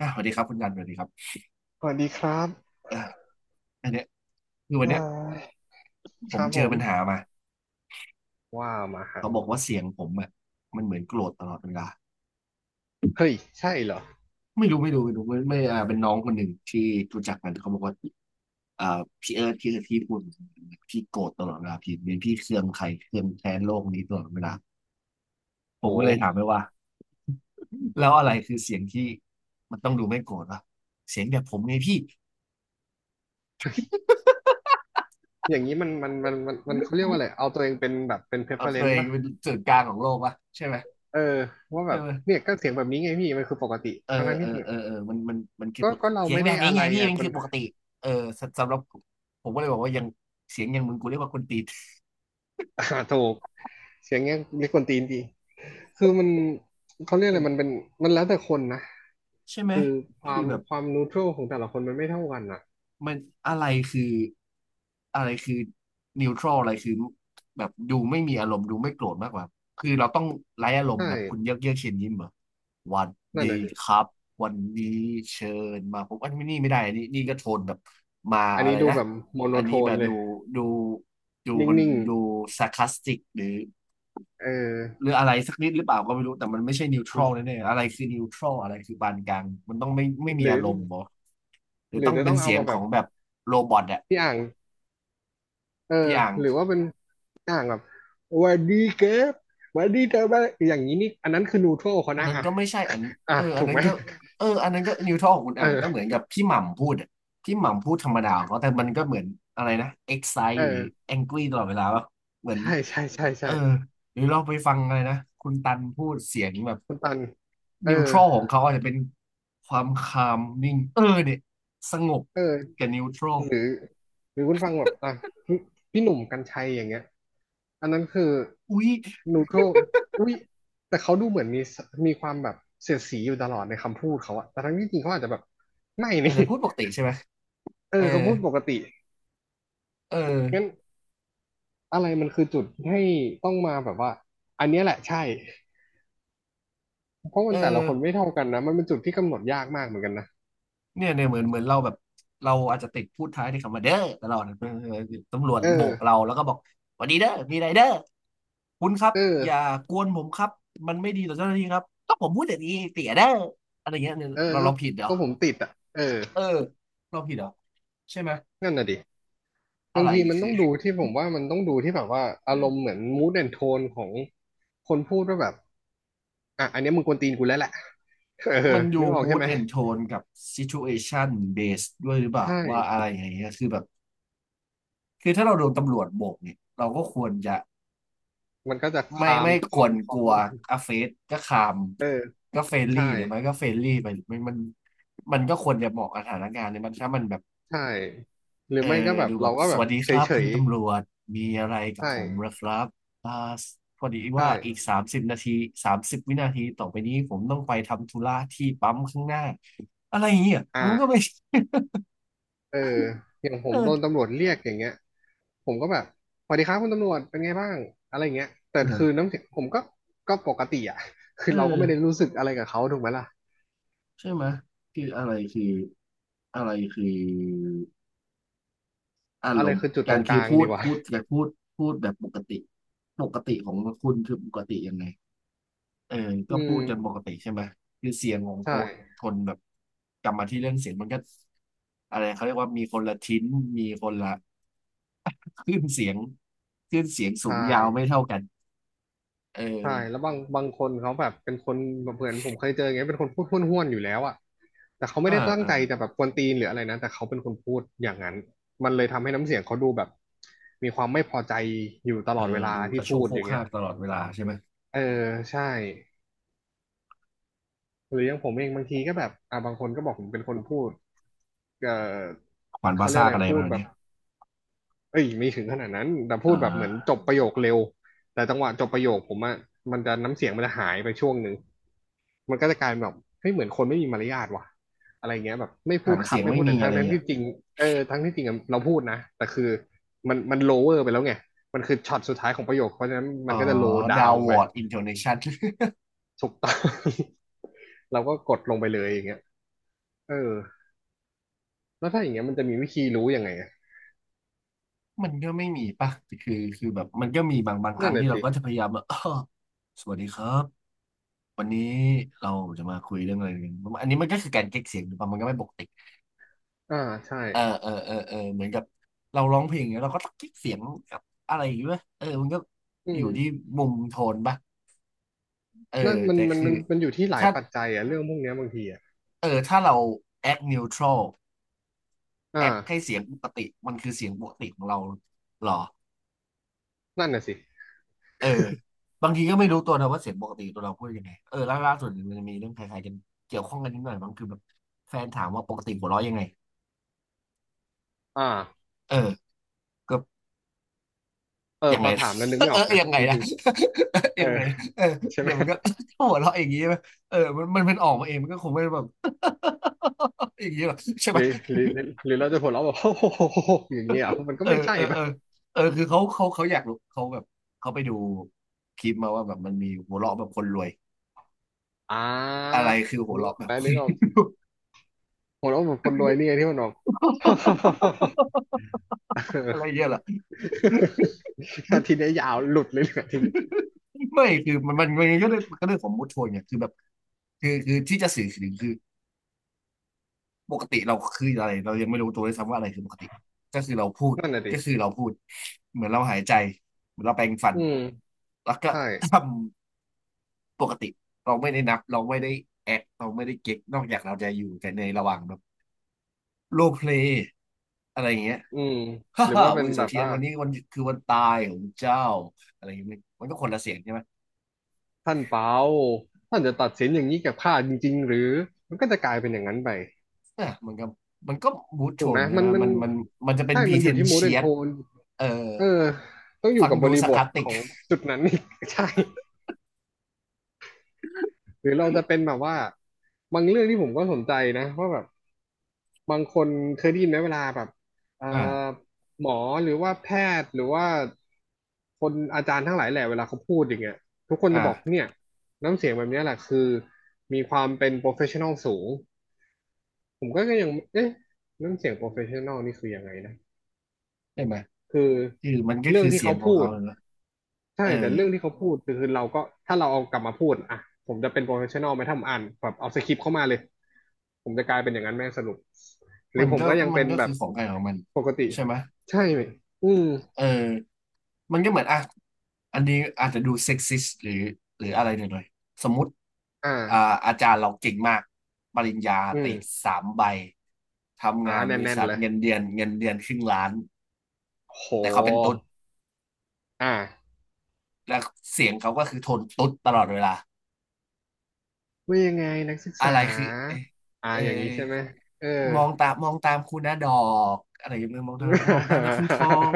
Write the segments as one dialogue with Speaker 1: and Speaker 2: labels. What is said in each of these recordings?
Speaker 1: อ่ะสวัสดีครับคุณกันสวัสดีครับ
Speaker 2: สวัสดีครับ
Speaker 1: อ่าอันเนี้ยคือวั
Speaker 2: เอ่
Speaker 1: นเนี้ย
Speaker 2: อ
Speaker 1: ผ
Speaker 2: ค
Speaker 1: ม
Speaker 2: รับ
Speaker 1: เจ
Speaker 2: ผ
Speaker 1: อ
Speaker 2: ม
Speaker 1: ปัญหามา
Speaker 2: ว่ามาครับ
Speaker 1: เขาบอกว่าเสียงผมอ่ะมันเหมือนโกรธตลอดเวลา
Speaker 2: เฮ้ยใช่เหรอ
Speaker 1: ไม่รู้ไม่รู้ไม่รู้ไม่ไม่อ่าเป็นน้องคนหนึ่งที่รู้จักกันเขาบอกว่าอ่าพี่เอิร์ธพี่ที่พูดพี่โกรธตลอดเวลาพี่เป็นพี่เครืองใครเครืองแค้นโลกนี้ตลอดเวลาผมก็เลยถา
Speaker 2: โห
Speaker 1: มไปว่าแล้วอะไรคือเสียงที่มันต้องดูไม่โกรธวะเสียงแบบผมไงพี่
Speaker 2: อย่างนี้มันเขาเรียกว่าอะไรเอาตัวเองเป็นแบบเป็น
Speaker 1: เอาตัว
Speaker 2: preference
Speaker 1: เอง
Speaker 2: ป่ะ
Speaker 1: เป็นศูนย์กลางของโลกวะใช่ไหม
Speaker 2: เออว่าแบ
Speaker 1: ใช่
Speaker 2: บ
Speaker 1: ไหม
Speaker 2: เนี่ยก็เสียงแบบนี้ไงพี่มันคือปกติ
Speaker 1: เออ
Speaker 2: ทั้งนั้น
Speaker 1: เออ
Speaker 2: ที่จริง
Speaker 1: เอ
Speaker 2: อะ
Speaker 1: อเออมันคือ
Speaker 2: ก็
Speaker 1: ปก
Speaker 2: ก็
Speaker 1: ติ
Speaker 2: เรา
Speaker 1: เสียง
Speaker 2: ไม่
Speaker 1: แบ
Speaker 2: ได้
Speaker 1: บนี้
Speaker 2: อะไร
Speaker 1: ไงพี่
Speaker 2: อ่ะ
Speaker 1: มัน
Speaker 2: มั
Speaker 1: คื
Speaker 2: น
Speaker 1: อปกติเออสำหรับผมผมก็เลยบอกว่ายังเสียงอย่างมึงกูเรียกว่าคนตีน
Speaker 2: อ่าถูกเสียงเงี้ยเรียกควนตีนดีคือมันเขาเรียกอะไรมันเป็น มันแล้วแต่คนนะ
Speaker 1: ใช่ไหม
Speaker 2: คือควา
Speaker 1: คือ
Speaker 2: ม
Speaker 1: แบบ
Speaker 2: ความนูทรัลของแต่ละคนมันไม่เท่ากันอ่ะ
Speaker 1: มันอะไรคืออะไรคือนิวทรัลอะไรคือแบบดูไม่มีอารมณ์ดูไม่โกรธมากกว่าคือเราต้องไร้อารม
Speaker 2: ใช่
Speaker 1: ณ์แบบคุณเยือกเยือกเชิญยิ้มเหรอหวัน
Speaker 2: นั่
Speaker 1: ดี
Speaker 2: นน่ะ
Speaker 1: ค
Speaker 2: สิ
Speaker 1: รับวันนี้เชิญมาผมอันนี้ไม่ได้อันนี้นี่ก็โทนแบบมา
Speaker 2: อัน
Speaker 1: อะ
Speaker 2: นี้
Speaker 1: ไร
Speaker 2: ดู
Speaker 1: นะ
Speaker 2: แบบโมโน
Speaker 1: อัน
Speaker 2: โท
Speaker 1: นี้แบ
Speaker 2: น
Speaker 1: บ
Speaker 2: เล
Speaker 1: ดู
Speaker 2: ย
Speaker 1: ดูดูมัน
Speaker 2: นิ่ง
Speaker 1: ดูซ a r c ค s สติกหรือ
Speaker 2: ๆเออ
Speaker 1: หรืออะไรสักนิดหรือเปล่าก็ไม่รู้แต่มันไม่ใช่นิวทรัลแน่ๆอะไรคือนิวทรัลอะไรคือปานกลางมันต้องไม่มี
Speaker 2: หรื
Speaker 1: อา
Speaker 2: อ
Speaker 1: รมณ์บอหรือ
Speaker 2: หรื
Speaker 1: ต้
Speaker 2: อ
Speaker 1: อง
Speaker 2: จะ
Speaker 1: เป็
Speaker 2: ต้
Speaker 1: น
Speaker 2: องเอา
Speaker 1: เสียง
Speaker 2: มาแบ
Speaker 1: ข
Speaker 2: บ
Speaker 1: องแบบโรบอทอะ
Speaker 2: ที่อ่างเออ
Speaker 1: พี่อ่าง
Speaker 2: หรือว่าเป็นอ่างแบบหวันดีเก็บวันดีเธอบ้างอย่างนี้นี่อันนั้นคือนูโทรเขา
Speaker 1: อัน
Speaker 2: นะ
Speaker 1: นั้น
Speaker 2: อ่ะ
Speaker 1: ก็ไม่ใช่อัน
Speaker 2: อ่ะ
Speaker 1: เอออั
Speaker 2: ถู
Speaker 1: น
Speaker 2: ก
Speaker 1: นั้น
Speaker 2: ไหม
Speaker 1: ก็เอออันนั้นก็นิวทรัลของคุณอ่างก็เหมือน
Speaker 2: เออ
Speaker 1: กับพี่หม่ำพูดอะพี่หม่ำพูดธรรมดาของเขาแต่มันก็เหมือนอะไรนะ excite
Speaker 2: เอ
Speaker 1: หรือ
Speaker 2: อ
Speaker 1: angry ตลอดเวลาป่ะเหมือน
Speaker 2: ใช่ใช่ใช่
Speaker 1: เอ
Speaker 2: ใช่
Speaker 1: อหรือเราไปฟังอะไรนะคุณตันพูดเสียงแบบ
Speaker 2: คุณตันเออ
Speaker 1: นิวทร a ลของเขาอาจจะเป็นความคามนิ่งเออเนี่ยสงบ
Speaker 2: เออ
Speaker 1: กับนิวทร a ล
Speaker 2: หรือหรือคุณฟังแบบอ่ะพี่พี่หนุ่มกรรชัยอย่างเงี้ยอันนั้นคือ
Speaker 1: อุ๊ย
Speaker 2: นูโทรอุ้ยแต่เขาดูเหมือนมีสมีความแบบเสียดสีอยู่ตลอดในคำพูดเขาอะแต่ทั้งที่จริงเขาอาจจะแบบไม่
Speaker 1: อา
Speaker 2: นี่
Speaker 1: จจะพูดปกติใช่ไหม
Speaker 2: เอ
Speaker 1: เออ
Speaker 2: อเขาพูดปกติ
Speaker 1: เอ
Speaker 2: งั้น
Speaker 1: อ
Speaker 2: อะไรมันคือจุดให้ต้องมาแบบว่าอันเนี้ยแหละใช่เพราะ
Speaker 1: เอ
Speaker 2: มั
Speaker 1: อ
Speaker 2: นแต่ละคนไม่เท่ากันนะมันเป็นจุดที่กำหนดยากมากเหมือนกันนะ
Speaker 1: เนี่ยเหมือนเราแบบเราอาจจะติดพูดท้ายในคำว่าเด้อตลอดเออตำรวจ
Speaker 2: เอ
Speaker 1: โบกเรา
Speaker 2: อ
Speaker 1: แล้วก็บอกสวัสดีเด้อมีอะไรเด้อคุณครับ
Speaker 2: เอ
Speaker 1: อย่า
Speaker 2: อ
Speaker 1: กวนผมครับมันไม่ดีต่อเจ้าหน้าที่ครับก็ผมพูดอย่างนี้เตี่ยเด้ออะไรเงี้ยเนี่ย
Speaker 2: เออ
Speaker 1: เรา
Speaker 2: ก็
Speaker 1: เราผิดเหรอ
Speaker 2: ก็ผมติดอ่ะเออ
Speaker 1: เออเราผิดเหรอใช่ไหม
Speaker 2: นั่นน่ะดิ
Speaker 1: อะ
Speaker 2: บาง
Speaker 1: ไร
Speaker 2: ทีมัน
Speaker 1: คื
Speaker 2: ต้
Speaker 1: อ
Speaker 2: องดูที่ผมว่ามันต้องดูที่แบบว่าอารมณ์เหมือน mood and tone ของคนพูดว่าแบบอ่ะอันเนี้ยมึงกวนตีนกูแล้วแหละเออ
Speaker 1: มันอ
Speaker 2: นึ
Speaker 1: ยู่
Speaker 2: กออกใช่
Speaker 1: mood
Speaker 2: ไหม
Speaker 1: and tone กับ situation based ด้วยหรือเปล่า
Speaker 2: ใช่
Speaker 1: ว่าอะไรอย่างเงี้ยคือแบบคือถ้าเราโดนตำรวจโบกเนี่ยเราก็ควรจะ
Speaker 2: มันก็จะ
Speaker 1: ไม่
Speaker 2: คาม
Speaker 1: ไม่
Speaker 2: ค
Speaker 1: ค
Speaker 2: อ
Speaker 1: ว
Speaker 2: ม
Speaker 1: ร
Speaker 2: ค
Speaker 1: ก
Speaker 2: อม
Speaker 1: ลัว
Speaker 2: นิดนึง
Speaker 1: อาเฟสก็คาม
Speaker 2: เออ
Speaker 1: ก็เฟรนลี่
Speaker 2: ใช่
Speaker 1: หรือไม่ก็เฟรนลี่ไปมันมันก็ควรจะเหมาะกับสถานการณ์เนี่ยมันถ้ามันแบบ
Speaker 2: ใช่หรื
Speaker 1: เอ
Speaker 2: อ
Speaker 1: อ
Speaker 2: ไม่ก็แบบ
Speaker 1: ดูแบ
Speaker 2: เรา
Speaker 1: บ
Speaker 2: ก็
Speaker 1: ส
Speaker 2: แบบ
Speaker 1: วัสดี
Speaker 2: เ
Speaker 1: ครับ
Speaker 2: ฉ
Speaker 1: คุณ
Speaker 2: ย
Speaker 1: ตำรวจมีอะไร
Speaker 2: ๆ
Speaker 1: กับ
Speaker 2: ใช่
Speaker 1: ผมเหรอครับอ่าพอดี
Speaker 2: ใช่
Speaker 1: ว่าอีก30 นาที30 วินาทีต่อไปนี้ผมต้องไปทำธุระที่ปั๊มข้างหน้าอะไรอย่างเงี้ยมันก็
Speaker 2: อ่า
Speaker 1: ไม่
Speaker 2: เอออย่างผมโดน
Speaker 1: เออ
Speaker 2: ตำรวจเรียกอย่างเงี้ยผมก็แบบสวัสดีครับคุณตำรวจเป็นไงบ้างอะไรอย่างเงี้ยแต่คือ
Speaker 1: เออ
Speaker 2: น้ำเสียงผมก็ก็ปกติอ่ะ คื
Speaker 1: เอ
Speaker 2: อ
Speaker 1: อ
Speaker 2: เราก็ไม่ได้รู้สึกอะไรกับเขาถูกไหมล่ะ
Speaker 1: ใช่ไหมยคืออะไรคืออะไรคืออา
Speaker 2: อะ
Speaker 1: ร
Speaker 2: ไร
Speaker 1: มณ์
Speaker 2: คือจุดต
Speaker 1: กา
Speaker 2: ร
Speaker 1: ร
Speaker 2: งก
Speaker 1: คื
Speaker 2: ลา
Speaker 1: อ
Speaker 2: ง
Speaker 1: พู
Speaker 2: ดี
Speaker 1: ด
Speaker 2: กว่า
Speaker 1: พูดการพูดพูดแบบปกติปกติของคุณคือปกติยังไงเออ ก็
Speaker 2: อื
Speaker 1: พู
Speaker 2: ม
Speaker 1: ดจนปกติใช่ไหมยคือเสียงของค
Speaker 2: ใช่
Speaker 1: นคนแบบกลับมาที่เรื่องเสียงมันก็อะไรเขาเรียกว่ามีคนละทิ้น มีคนละ คลื่นเสียงคลื่นเสียงสู
Speaker 2: ใช่
Speaker 1: งยาวไม่เท่ากันเออ
Speaker 2: ใช่แล้วบางคนเขาแบบเป็นคนแบบเหมือนผมเคยเจออย่างเงี้ยเป็นคนพูดห้วนๆอยู่แล้วอ่ะแต่เขาไม่
Speaker 1: อ่า
Speaker 2: ได้ตั้ง
Speaker 1: อ่า
Speaker 2: ใจจะแบบกวนตีนหรืออะไรนะแต่เขาเป็นคนพูดอย่างนั้นมันเลยทำให้น้ำเสียงเขาดูแบบมีความไม่พอใจอยู่ต
Speaker 1: เอ
Speaker 2: ล
Speaker 1: อ
Speaker 2: อดเวลา
Speaker 1: ดูก
Speaker 2: ที่
Speaker 1: ระโช
Speaker 2: พู
Speaker 1: ก
Speaker 2: ด
Speaker 1: โค
Speaker 2: อ
Speaker 1: ก
Speaker 2: ย่างเงี้
Speaker 1: ฮา
Speaker 2: ย
Speaker 1: กตลอดเวลาใช่ไหม
Speaker 2: เออใช่หรืออย่างผมเองบางทีก็แบบอ่าบางคนก็บอกผมเป็นคนพูดเออ
Speaker 1: ขวานพา
Speaker 2: เขาเรีย
Speaker 1: ซ่า
Speaker 2: กอะ
Speaker 1: ก
Speaker 2: ไร
Speaker 1: อะไร
Speaker 2: พู
Speaker 1: มา
Speaker 2: ดแบ
Speaker 1: เนี้
Speaker 2: บ
Speaker 1: ย
Speaker 2: เอ้ยไม่ถึงขนาดนั้นแต่พู
Speaker 1: เอ่
Speaker 2: ดแบบเหมือน
Speaker 1: อ
Speaker 2: จบประโยคเร็วแต่จังหวะจบประโยคผมอะมันจะน้ำเสียงมันจะหายไปช่วงหนึ่งมันก็จะกลายเป็นแบบเฮ้ยเหมือนคนไม่มีมารยาทว่ะอะไรเงี้ยแบบไม่พู
Speaker 1: หา
Speaker 2: ด
Speaker 1: ง
Speaker 2: ครั
Speaker 1: เสี
Speaker 2: บ
Speaker 1: ยง
Speaker 2: ไม่
Speaker 1: ไม่
Speaker 2: พูด
Speaker 1: มี
Speaker 2: แต่ทั้
Speaker 1: อะ
Speaker 2: ง
Speaker 1: ไร
Speaker 2: ทั้ง
Speaker 1: อ่ะ
Speaker 2: ที่จริงเออทั้งที่จริงอะเราพูดนะแต่คือมันโลเวอร์ไปแล้วไงมันคือช็อตสุดท้ายของประโยคเพราะฉะนั้น
Speaker 1: อ๋
Speaker 2: มั
Speaker 1: อ
Speaker 2: นก็จะโลดา
Speaker 1: ดา
Speaker 2: ว
Speaker 1: ว
Speaker 2: ลง
Speaker 1: ว
Speaker 2: ไป
Speaker 1: อร์ดอินโทเนชัน
Speaker 2: ถูกต้อง เราก็กดลงไปเลยอย่างเงี้ยเออ แล้วถ้าอย่างเงี้ยมันจะมีวิธีรู้ยังไงอะ
Speaker 1: มันก็ไม่มีป่ะคือคือแบบมันก็มีบางค
Speaker 2: นั่
Speaker 1: รั้
Speaker 2: น
Speaker 1: ง
Speaker 2: แหละ
Speaker 1: ที่เรา
Speaker 2: สิ
Speaker 1: ก็จะพยายามแบบ สวัสดีครับวันนี้เราจะมาคุยเรื่องอะไรกันอันนี้มันก็คือการเก๊กเสียงหรือเปล่ามันก็ไม่ปกติ
Speaker 2: อ่าใช่
Speaker 1: เออเหมือนกับเราร้องเพลงเนี่ยเราก็ต้องเก๊กเสียงกับอะไรอยู่างงี้ป่ะเออมันก็
Speaker 2: อื
Speaker 1: อ
Speaker 2: ม
Speaker 1: ยู่ที่มุมโทนป่ะเออ
Speaker 2: นั่นมัน
Speaker 1: แต่
Speaker 2: มัน
Speaker 1: คือ
Speaker 2: มันมันอยู่ที่หลาย
Speaker 1: ถ้า
Speaker 2: ปัจจัยอะเรื่องพวกเนี้ยบางทีอะ
Speaker 1: เออถ้าเรา act neutral
Speaker 2: อ
Speaker 1: act ให้
Speaker 2: ่า
Speaker 1: เสียงปกติมันคือเสียงปกติของเราเหรอ
Speaker 2: นั่นน่ะสิ
Speaker 1: เออบางทีก็ไม่รู้ตัวนะว่าเสียงปกติตัวเราพูดยังไงเออล่าสุดมันจะมีเรื่องคล้ายๆกันเกี่ยวข้องกันนิดหน่อยมั้งคือแบบแฟนถามว่าปกติหัวเราะยังไง
Speaker 2: อ่า
Speaker 1: เออก็
Speaker 2: เออ
Speaker 1: ยัง
Speaker 2: พ
Speaker 1: ไง
Speaker 2: อถามแล้วนึก ไม่
Speaker 1: เอ
Speaker 2: อ
Speaker 1: อ
Speaker 2: อกนะ
Speaker 1: ยังไง
Speaker 2: จ
Speaker 1: นะ
Speaker 2: ริงๆ เอ
Speaker 1: ยั
Speaker 2: อ
Speaker 1: งไงเออ
Speaker 2: ใช่ไหม
Speaker 1: เนี่ยมันก็ หัวเราะอย่างนี้ใช่ไหมเออมันเป็นออกมาเองมันก็คงไม่ได้แบบ อย่างนี้หรอกใช่ไห
Speaker 2: ห
Speaker 1: ม
Speaker 2: รื อหรือหรือหรือเราจะหัวเราะแบบโอ้โหอย่างเงี้ยเหรอมันก็
Speaker 1: เออ
Speaker 2: ไม่ใช่
Speaker 1: เออเอ
Speaker 2: ป่ะ
Speaker 1: อเออคือเขาอยากรู้เขาแบบเขาไปดูคลิปมาว่าแบบมันมีหัวเราะแบบคนรวย
Speaker 2: อ่
Speaker 1: อะไร
Speaker 2: า
Speaker 1: คือหัว
Speaker 2: นึกอ
Speaker 1: เราะ
Speaker 2: อก
Speaker 1: แบ
Speaker 2: ไหม
Speaker 1: บค
Speaker 2: นึก
Speaker 1: น
Speaker 2: ออก
Speaker 1: รวย
Speaker 2: หัวเราะแบบคนรวยเนี่ยที่มันออก
Speaker 1: อะไรเงี้ยเหรอ
Speaker 2: อาทีเนี้ยยาวหลุดเลยเนี่ยอาทีเนี้ย
Speaker 1: ไม่คือมันก็เรื่องของมูดโชนเนี่ยคือแบบคือที่จะสื่อถึงคือปกติเราคืออะไรเรายังไม่รู้ตัวด้วยซ้ำว่าอะไรคือปกติก็คือเราพูด
Speaker 2: นั่นน่ะ
Speaker 1: ก็คือ
Speaker 2: ดิ
Speaker 1: เราพูดเหมือนเราหายใจเหมือนเราแปรงฟัน
Speaker 2: อืม
Speaker 1: แล้วก็
Speaker 2: ใช่
Speaker 1: ทำปกติเราไม่ได้นับเราไม่ได้แอคเราไม่ได้เก๊กนอกจากเราจะอยู่กันในระหว่างแบบโรลเพลย์อะไรอย่างเงี้ย
Speaker 2: อืม
Speaker 1: ฮ่า
Speaker 2: หรือ
Speaker 1: ฮ่า
Speaker 2: ว่าเป็
Speaker 1: เว้
Speaker 2: น
Speaker 1: ย
Speaker 2: แบ
Speaker 1: เสา
Speaker 2: บ
Speaker 1: เทียน
Speaker 2: ว่า
Speaker 1: วันนี้วันคือวันตายของเจ้าอะไรอย่างเงี้ยมันก็คนละเสียงใช่ไหม
Speaker 2: ท่านเปาท่านจะตัดสินอย่างนี้กับข้าจริงๆหรือ มันก็จะกลายเป็นอย่างนั้นไป
Speaker 1: อ่ะมันก็บูทโท
Speaker 2: ถูกไหม
Speaker 1: นใช่
Speaker 2: มั
Speaker 1: ไหม
Speaker 2: นมัน
Speaker 1: มันมันจะเป็น
Speaker 2: ใช่
Speaker 1: พ e ี
Speaker 2: มัน
Speaker 1: เท
Speaker 2: อยู่
Speaker 1: น
Speaker 2: ที่ม d ด
Speaker 1: เชี
Speaker 2: r n
Speaker 1: ย
Speaker 2: t โท
Speaker 1: ต
Speaker 2: น
Speaker 1: เออ
Speaker 2: เออ ต้องอยู่
Speaker 1: ฟัง
Speaker 2: กับบ
Speaker 1: ดู
Speaker 2: ริ
Speaker 1: สา
Speaker 2: บ
Speaker 1: รคา
Speaker 2: ท
Speaker 1: สติ
Speaker 2: ข
Speaker 1: ก
Speaker 2: องจุดนั้น อีก ใช่ หรือเราจะเป็นแบบว่า บางเรื่องที่ผมก็สนใจนะว่าแบบ บางคนเคยได้ยินไหมเวลาแบบเอ่อ
Speaker 1: อ่า
Speaker 2: หมอหรือว่าแพทย์ หรือว่า คนอาจารย์ทั้งหลายแหละเวลาเขาพูดอย่างเงี้ยทุกคนจะบอก
Speaker 1: อ่า
Speaker 2: เนี่ยน้ำเสียงแบบเนี้ยแหละคือมีความเป็น professional สูง ผมก็ยังเอ๊ะเรื่องเสียง professional นี่คือยังไงนะ
Speaker 1: ใช่ไหม
Speaker 2: คือ
Speaker 1: คือมันก็
Speaker 2: เรื่อง
Speaker 1: คือ
Speaker 2: ที่
Speaker 1: เสีย
Speaker 2: เขา
Speaker 1: งของ
Speaker 2: พู
Speaker 1: เขา
Speaker 2: ด
Speaker 1: เลยนะ
Speaker 2: ใช่
Speaker 1: เอ
Speaker 2: แต่
Speaker 1: อ
Speaker 2: เรื่องที่เขาพูดคือเราก็ถ้าเราเอากลับมาพูดอ่ะผมจะเป็น professional ไหมถ้าผมอ่านแบบเอาสคริปต์เข้ามาเลยผมจะกลายเป็นอย่างนั้นแม่งสรุปหรื
Speaker 1: มั
Speaker 2: อ
Speaker 1: น
Speaker 2: ผม
Speaker 1: ก็
Speaker 2: ก็ยัง
Speaker 1: มัน
Speaker 2: เป็น
Speaker 1: ก็
Speaker 2: แบ
Speaker 1: คื
Speaker 2: บ
Speaker 1: อของใครของมัน
Speaker 2: ปกติ
Speaker 1: ใช่ไหม
Speaker 2: ใช่ไหมอืม
Speaker 1: เออมันก็เหมือนอ่ะอันนี้อาจจะดูเซ็กซิสหรืออะไรหน่อยๆสมมติ
Speaker 2: อ่
Speaker 1: อ่า
Speaker 2: า
Speaker 1: อาจารย์เราเก่งมากปริญญา
Speaker 2: อื
Speaker 1: ติ
Speaker 2: ม
Speaker 1: 3 ใบทำงานบริ
Speaker 2: แน่น
Speaker 1: ษั
Speaker 2: ๆ
Speaker 1: ท
Speaker 2: เลย
Speaker 1: เงินเดือน500,000
Speaker 2: โ
Speaker 1: แต่เขาเป็นตุ๊ด
Speaker 2: หอ่า
Speaker 1: แล้วเสียงเขาก็คือโทนตุ๊ดตลอดเวลา
Speaker 2: ว่ายังไงนักศึก
Speaker 1: อะไร
Speaker 2: ษา
Speaker 1: คือเอเอ
Speaker 2: อย่างนี้ใช่ไหมเออ
Speaker 1: มองตามมองตามคุณนะดอกอะไรอย่างเงี้ยมองตามมองตามนะคุณชอง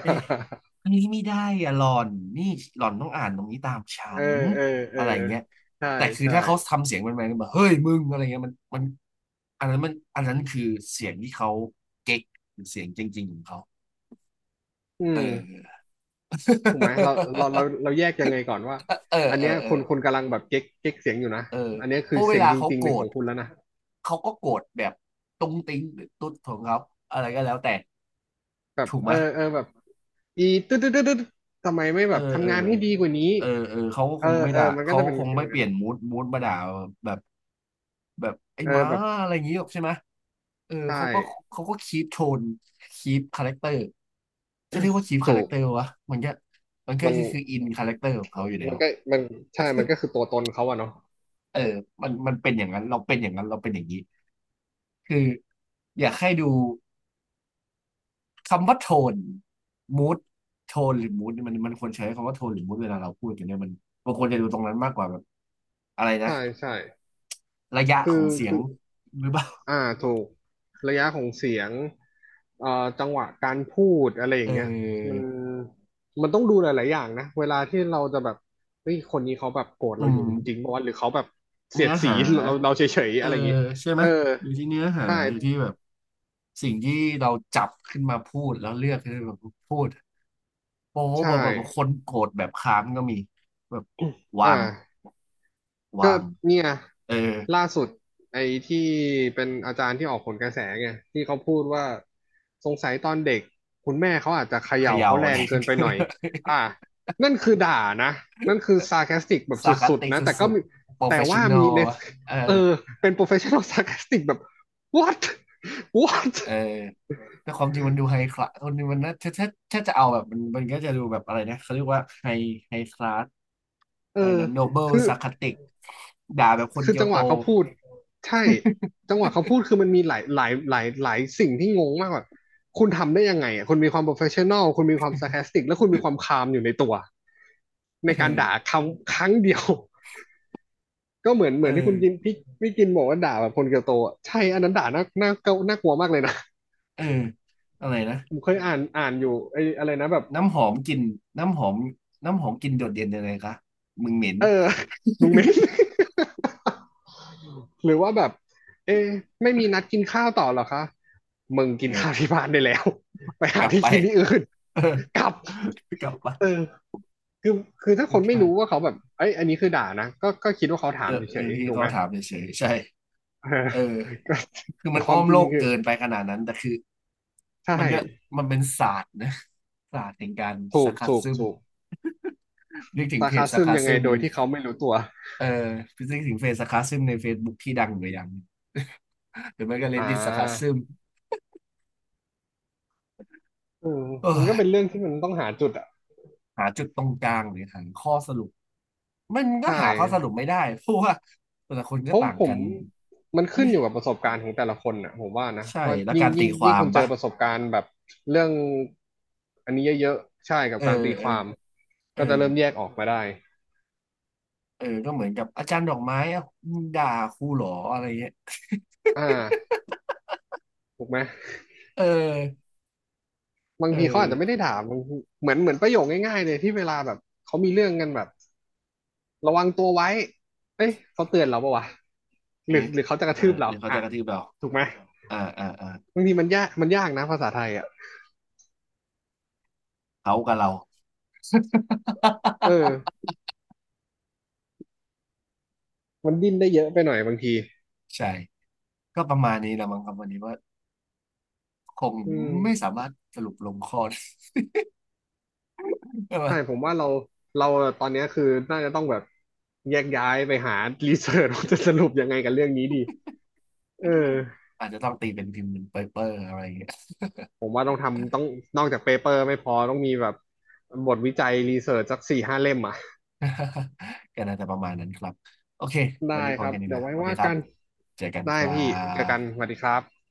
Speaker 1: เอ๊ะ อันนี้ไม่ได้อะหล่อนนี่หล่อนต้องอ่านตรงนี้ตามฉั
Speaker 2: เออ
Speaker 1: น
Speaker 2: เออ เออ
Speaker 1: อะไรอย่างเงี้ย
Speaker 2: ใช่
Speaker 1: แต่คือ
Speaker 2: ใช่
Speaker 1: ถ้าเขาทำเสียงแมนๆแบบเฮ้ยมึงอะไรเงี้ยมันอันนั้นคือเสียงที่เขาเก๊กหรือเสียงจริงๆของเขา
Speaker 2: อื
Speaker 1: เอ
Speaker 2: ม
Speaker 1: อ
Speaker 2: ถูกไหมเราแยกยังไงก่อนว่า
Speaker 1: เออเออ
Speaker 2: อันเนี้ย
Speaker 1: เออ
Speaker 2: คนคนกำลังแบบเก๊กเก๊กเสียงอยู่นะ
Speaker 1: เออ
Speaker 2: อันเนี้ย
Speaker 1: เพ
Speaker 2: คือ
Speaker 1: ราะเว
Speaker 2: เสียง
Speaker 1: ลา
Speaker 2: จ
Speaker 1: เขา
Speaker 2: ริง
Speaker 1: โก
Speaker 2: ๆ
Speaker 1: ร
Speaker 2: ในข
Speaker 1: ธ
Speaker 2: องคุณแล้วนะ
Speaker 1: เขาก็โกรธแบบตุ้งติ้งหรือตุ๊ดของเขาอะไรก็แล้วแต่
Speaker 2: แบบ
Speaker 1: ถูก
Speaker 2: เอ
Speaker 1: ไหม
Speaker 2: อ เออแบบอีตึ๊ดตึ๊ดตึ๊ดตึ๊ดทำไมไม่
Speaker 1: เอ
Speaker 2: แบ
Speaker 1: อ
Speaker 2: บ
Speaker 1: เออ
Speaker 2: ทำงานให้ดีกว่านี้
Speaker 1: เออเออเขาก็
Speaker 2: เอ
Speaker 1: ค
Speaker 2: อ
Speaker 1: งไม่
Speaker 2: เออ
Speaker 1: ด่า
Speaker 2: มันก็
Speaker 1: เขา
Speaker 2: จะเป็น
Speaker 1: คง
Speaker 2: ฟิ
Speaker 1: ไม่
Speaker 2: ล
Speaker 1: เป
Speaker 2: นั้
Speaker 1: ลี่
Speaker 2: น
Speaker 1: ยนมูดมาด่าแบบแบบไอ้
Speaker 2: เอ
Speaker 1: ห
Speaker 2: อ
Speaker 1: ม้า
Speaker 2: แบบ
Speaker 1: อะไรอย่างงี้หรอกใช่ไหมเออ
Speaker 2: ใช
Speaker 1: เขาก็
Speaker 2: ่
Speaker 1: เขาก็คีปโทนคีปคาแรคเตอร์จะเรียกว่าคีปคา
Speaker 2: จู
Speaker 1: แรค
Speaker 2: บ
Speaker 1: เตอร์วะมันก็มันก็
Speaker 2: มัน
Speaker 1: คืออินคาแรคเตอร์ของเขาอยู่แล้ว
Speaker 2: ก็มันใช่มันก็คือตัวตนเขาอะเนาะ
Speaker 1: เออมันมันเป็นอย่างนั้นเราเป็นอย่างนั้นเราเป็นอย่างนี้คืออยากให้ดู คำว่าโทนมูดโทนหรือมูดมันมันควรใช้คำว่าโทนหรือมูดเวลาเราพูดกันเนี่ยมันบางคนจะดูตรงนั้นมากกว่าแบบอะไรนะ
Speaker 2: ใช่ใช่
Speaker 1: ระยะของเสียง
Speaker 2: คือ
Speaker 1: หรือเปล่า
Speaker 2: อ่าถูกระยะของเสียงเอ่อจังหวะการพูดอะไรอ
Speaker 1: เอ
Speaker 2: ย่างเงี้ย
Speaker 1: อ
Speaker 2: มันต้องดูหลายๆอย่างนะเวลาที่เราจะแบบเฮ้ยคนนี้เขาแบบโกรธ
Speaker 1: อื
Speaker 2: เราอ
Speaker 1: ม
Speaker 2: ยู่จริงๆปะวะหรือเขาแบบเสีย
Speaker 1: เนื้
Speaker 2: ด
Speaker 1: อ
Speaker 2: สี
Speaker 1: หา
Speaker 2: เราเฉยๆ
Speaker 1: เออ
Speaker 2: อะไรอย่างงี้
Speaker 1: ใช่ไหม
Speaker 2: เออ
Speaker 1: อยู่ที่เนื้อหา
Speaker 2: ใช่
Speaker 1: อยู่ที่แบบสิ่งที่เราจับขึ้นมาพูดแล้วเลือกขึ้นมาพูดโป๊ะ
Speaker 2: ใช่
Speaker 1: แบบคนโกรธแบบค้านก็มีแบบ
Speaker 2: อ่
Speaker 1: วาง
Speaker 2: า ก็
Speaker 1: วาง
Speaker 2: เนี่ย
Speaker 1: เออ
Speaker 2: ล่าสุดไอ้ที่เป็นอาจารย์ที่ออกผลกระแสไงที่เขาพูดว่าสงสัยตอนเด็กคุณแม่เขาอาจจะเข
Speaker 1: เข
Speaker 2: ย่า
Speaker 1: ย่า
Speaker 2: เขาแร
Speaker 1: อะไร
Speaker 2: งเกินไปหน่อยอ่ะนั่นคือด่านะนั่นคือซา r c คสติกแบบส
Speaker 1: ซาร์คาส
Speaker 2: ุด
Speaker 1: ติก
Speaker 2: ๆนะ
Speaker 1: ส
Speaker 2: แต่ก็
Speaker 1: ุด
Speaker 2: มี
Speaker 1: ๆโปรเฟ
Speaker 2: แต่
Speaker 1: ชชั่
Speaker 2: ว่า
Speaker 1: นอ
Speaker 2: มี
Speaker 1: ล
Speaker 2: ใน
Speaker 1: เออ
Speaker 2: เออเป็น professional sarcastic แบบ what what
Speaker 1: เออแต่ความจริงมันดูไฮคลาสคนนี้มันน่าถ้าจะเอาแบบมันก็จะดูแบบอะไรนะเขาเรียกว่าไฮคลาส
Speaker 2: เอ
Speaker 1: อะไรนะโนเบิล
Speaker 2: อ
Speaker 1: ซาร์คาสติกด่าแบบคน
Speaker 2: คือ
Speaker 1: เกียว
Speaker 2: จังห
Speaker 1: โต
Speaker 2: วะเขาพูดใช่จังหวะเขาพูดคือมันมีหลายสิ่งที่งงมากกว่าคุณทำได้ยังไงอ่ะคุณมีความ professional คุณมีความ sarcastic แคสติกและคุณมีความ calm อยู่ในตัว ในการด่า
Speaker 1: เออ
Speaker 2: คำครั้งเดียว ก็เหมือน
Speaker 1: เอ
Speaker 2: ที่
Speaker 1: อ
Speaker 2: คุณกินพี่พี่กินบอกว่าด่าแบบคนเกียวโตใช่อันนั้นด่าน่ากลัวมากเลยนะ
Speaker 1: เอออะไรนะ
Speaker 2: ผมเคยอ่านอยู่ไอ้อะไรนะแบบ
Speaker 1: น้ำหอมกลิ่นน้ำหอมน้ำหอมกลิ่นโดดเด่นยังไงคะมึงเหม็น
Speaker 2: เออลุงเิ้น หรือว่าแบบ เอ๊ะไม่มีนัดกินข้าวต่อเหรอคะ มึงกิ
Speaker 1: เอ
Speaker 2: นข้าว
Speaker 1: อ
Speaker 2: ที่บ้านได้แล้ว ไป
Speaker 1: ก
Speaker 2: หา
Speaker 1: ลับ
Speaker 2: ที่
Speaker 1: ไป
Speaker 2: กินที่อื่น
Speaker 1: เออ
Speaker 2: กลับ
Speaker 1: กลับ
Speaker 2: เอ
Speaker 1: ไป
Speaker 2: อคือคือถ้า
Speaker 1: ก
Speaker 2: ค
Speaker 1: ลั
Speaker 2: น
Speaker 1: บ
Speaker 2: ไม่
Speaker 1: ไป
Speaker 2: รู้ว่าเขาแบบ เอ้ยอันนี้คือด่านะ ก็ก็คิดว่าเขาถา
Speaker 1: เอ
Speaker 2: ม
Speaker 1: อเอ
Speaker 2: เฉ
Speaker 1: อ
Speaker 2: ย
Speaker 1: ที่
Speaker 2: ๆถูก
Speaker 1: เขา
Speaker 2: ไหม
Speaker 1: ถามเฉยๆใช่
Speaker 2: เออ
Speaker 1: เออ
Speaker 2: ก็
Speaker 1: คือ
Speaker 2: แต่
Speaker 1: มัน
Speaker 2: ค
Speaker 1: อ้
Speaker 2: วา
Speaker 1: อ
Speaker 2: ม
Speaker 1: ม
Speaker 2: จริ
Speaker 1: โล
Speaker 2: ง
Speaker 1: ก
Speaker 2: คือ
Speaker 1: เกินไปขนาดนั้นแต่คือ
Speaker 2: ใช่
Speaker 1: มันก็มันเป็นศาสตร์นะศาสตร์แห่งการ
Speaker 2: ถู
Speaker 1: ซา
Speaker 2: ก
Speaker 1: ร์คา
Speaker 2: ถูก
Speaker 1: ซึม
Speaker 2: ถูก
Speaker 1: นึกถึง
Speaker 2: สา
Speaker 1: เพจ
Speaker 2: คา
Speaker 1: ซา
Speaker 2: ซึ
Speaker 1: ร์
Speaker 2: ม
Speaker 1: คา
Speaker 2: ยังไง
Speaker 1: ซึม
Speaker 2: โดยที่เขาไม่รู้ตัว
Speaker 1: เอ่อนึกถึงเพจซาร์คาซึมใน Facebook ที่ดังอยู่อย่างหนึ่ง หรือไม่ก็
Speaker 2: อ่
Speaker 1: Reddit ซาร์คาซึ
Speaker 2: า
Speaker 1: ม
Speaker 2: เออ
Speaker 1: เอ้
Speaker 2: มันก็
Speaker 1: ย
Speaker 2: เป็นเรื่องที่มันต้องหาจุดอ่ะ
Speaker 1: หาจุดตรงกลางหรือหาข้อสรุปมันก็
Speaker 2: ใช่
Speaker 1: หาข้อสรุปไม่ได้เพราะว่าแต่ละคนก็
Speaker 2: ผม
Speaker 1: ต่างกัน
Speaker 2: มันขึ้นอยู่กับประสบการณ์ของแต่ละคนอ่ะผมว่านะ
Speaker 1: ใช่
Speaker 2: ว่า
Speaker 1: แล้ว
Speaker 2: ยิ่ง
Speaker 1: การตีความ
Speaker 2: คุณเจ
Speaker 1: ปะ
Speaker 2: อประสบการณ์แบบเรื่องอันนี้เยอะๆใช่กับ
Speaker 1: เออ
Speaker 2: การตี
Speaker 1: เอ
Speaker 2: ค
Speaker 1: อ
Speaker 2: วาม
Speaker 1: เอ
Speaker 2: ก็
Speaker 1: อ
Speaker 2: จะเริ่มแยกออกมาได้
Speaker 1: เออก็เหมือนกับอาจารย์ดอกไม้อ่ะมึงด่าครูเหรออะไรเงี้ย
Speaker 2: อ่าถูกไหม
Speaker 1: เออ
Speaker 2: บาง
Speaker 1: เอ
Speaker 2: ทีเขาอาจจะไม่
Speaker 1: อ
Speaker 2: ได้ถามบางทีเหมือนประโยคง่ายๆเลยที่เวลาแบบเขามีเรื่องกันแบบระวังตัวไว้เอ้ยเขาเตือนเราปะวะ
Speaker 1: เอ๊ะ
Speaker 2: หรือเขาจะก
Speaker 1: เอ
Speaker 2: ระ
Speaker 1: อ
Speaker 2: ทืบ
Speaker 1: ห
Speaker 2: เรา
Speaker 1: รือเขา
Speaker 2: อ่ะ
Speaker 1: จะกระทืบเรา
Speaker 2: ถูกไหม
Speaker 1: อ่าอ่าอ่า
Speaker 2: บางทีมันยากนะภาษาไทยอ่ะ
Speaker 1: เขากับเรา
Speaker 2: เออ มันดิ้นได้เยอะไปหน่อยบางที
Speaker 1: ใช่ก็ประมาณนี้ละมั้งครับวันนี้ว่าคง
Speaker 2: อื
Speaker 1: ไม่
Speaker 2: ม
Speaker 1: สามารถสรุปลงข้อได้
Speaker 2: ใช่ผ
Speaker 1: ว่า
Speaker 2: มว่าเราเราตอนเนี้ยคือน่าจะต้องแบบแยกย้ายไปหารีเสิร์ชว่าจะสรุปยังไงกับเรื่องนี้ดีเออ
Speaker 1: อาจจะต้องตีเป็นพิมพ์เป็นเปเปอร์อะไรอย่างเงี้ย
Speaker 2: ผมว่าต้องทำต้องนอกจากเปเปอร์ไม่พอต้องมีแบบบทวิจัยรีเสิร์ชสัก4-5 เล่มอ่ะ
Speaker 1: ก็น่าจะประมาณนั้นครับโอเควัน
Speaker 2: ได้
Speaker 1: นี้พ
Speaker 2: ค
Speaker 1: อ
Speaker 2: รับ
Speaker 1: แค่นี้
Speaker 2: เดี๋ยว
Speaker 1: นะ
Speaker 2: ไว้
Speaker 1: สวัสดี
Speaker 2: ว่า
Speaker 1: ครับ
Speaker 2: กัน
Speaker 1: เจอกันค
Speaker 2: ได้
Speaker 1: รั
Speaker 2: พี่เจอกัน
Speaker 1: บ
Speaker 2: สวัสดีครับ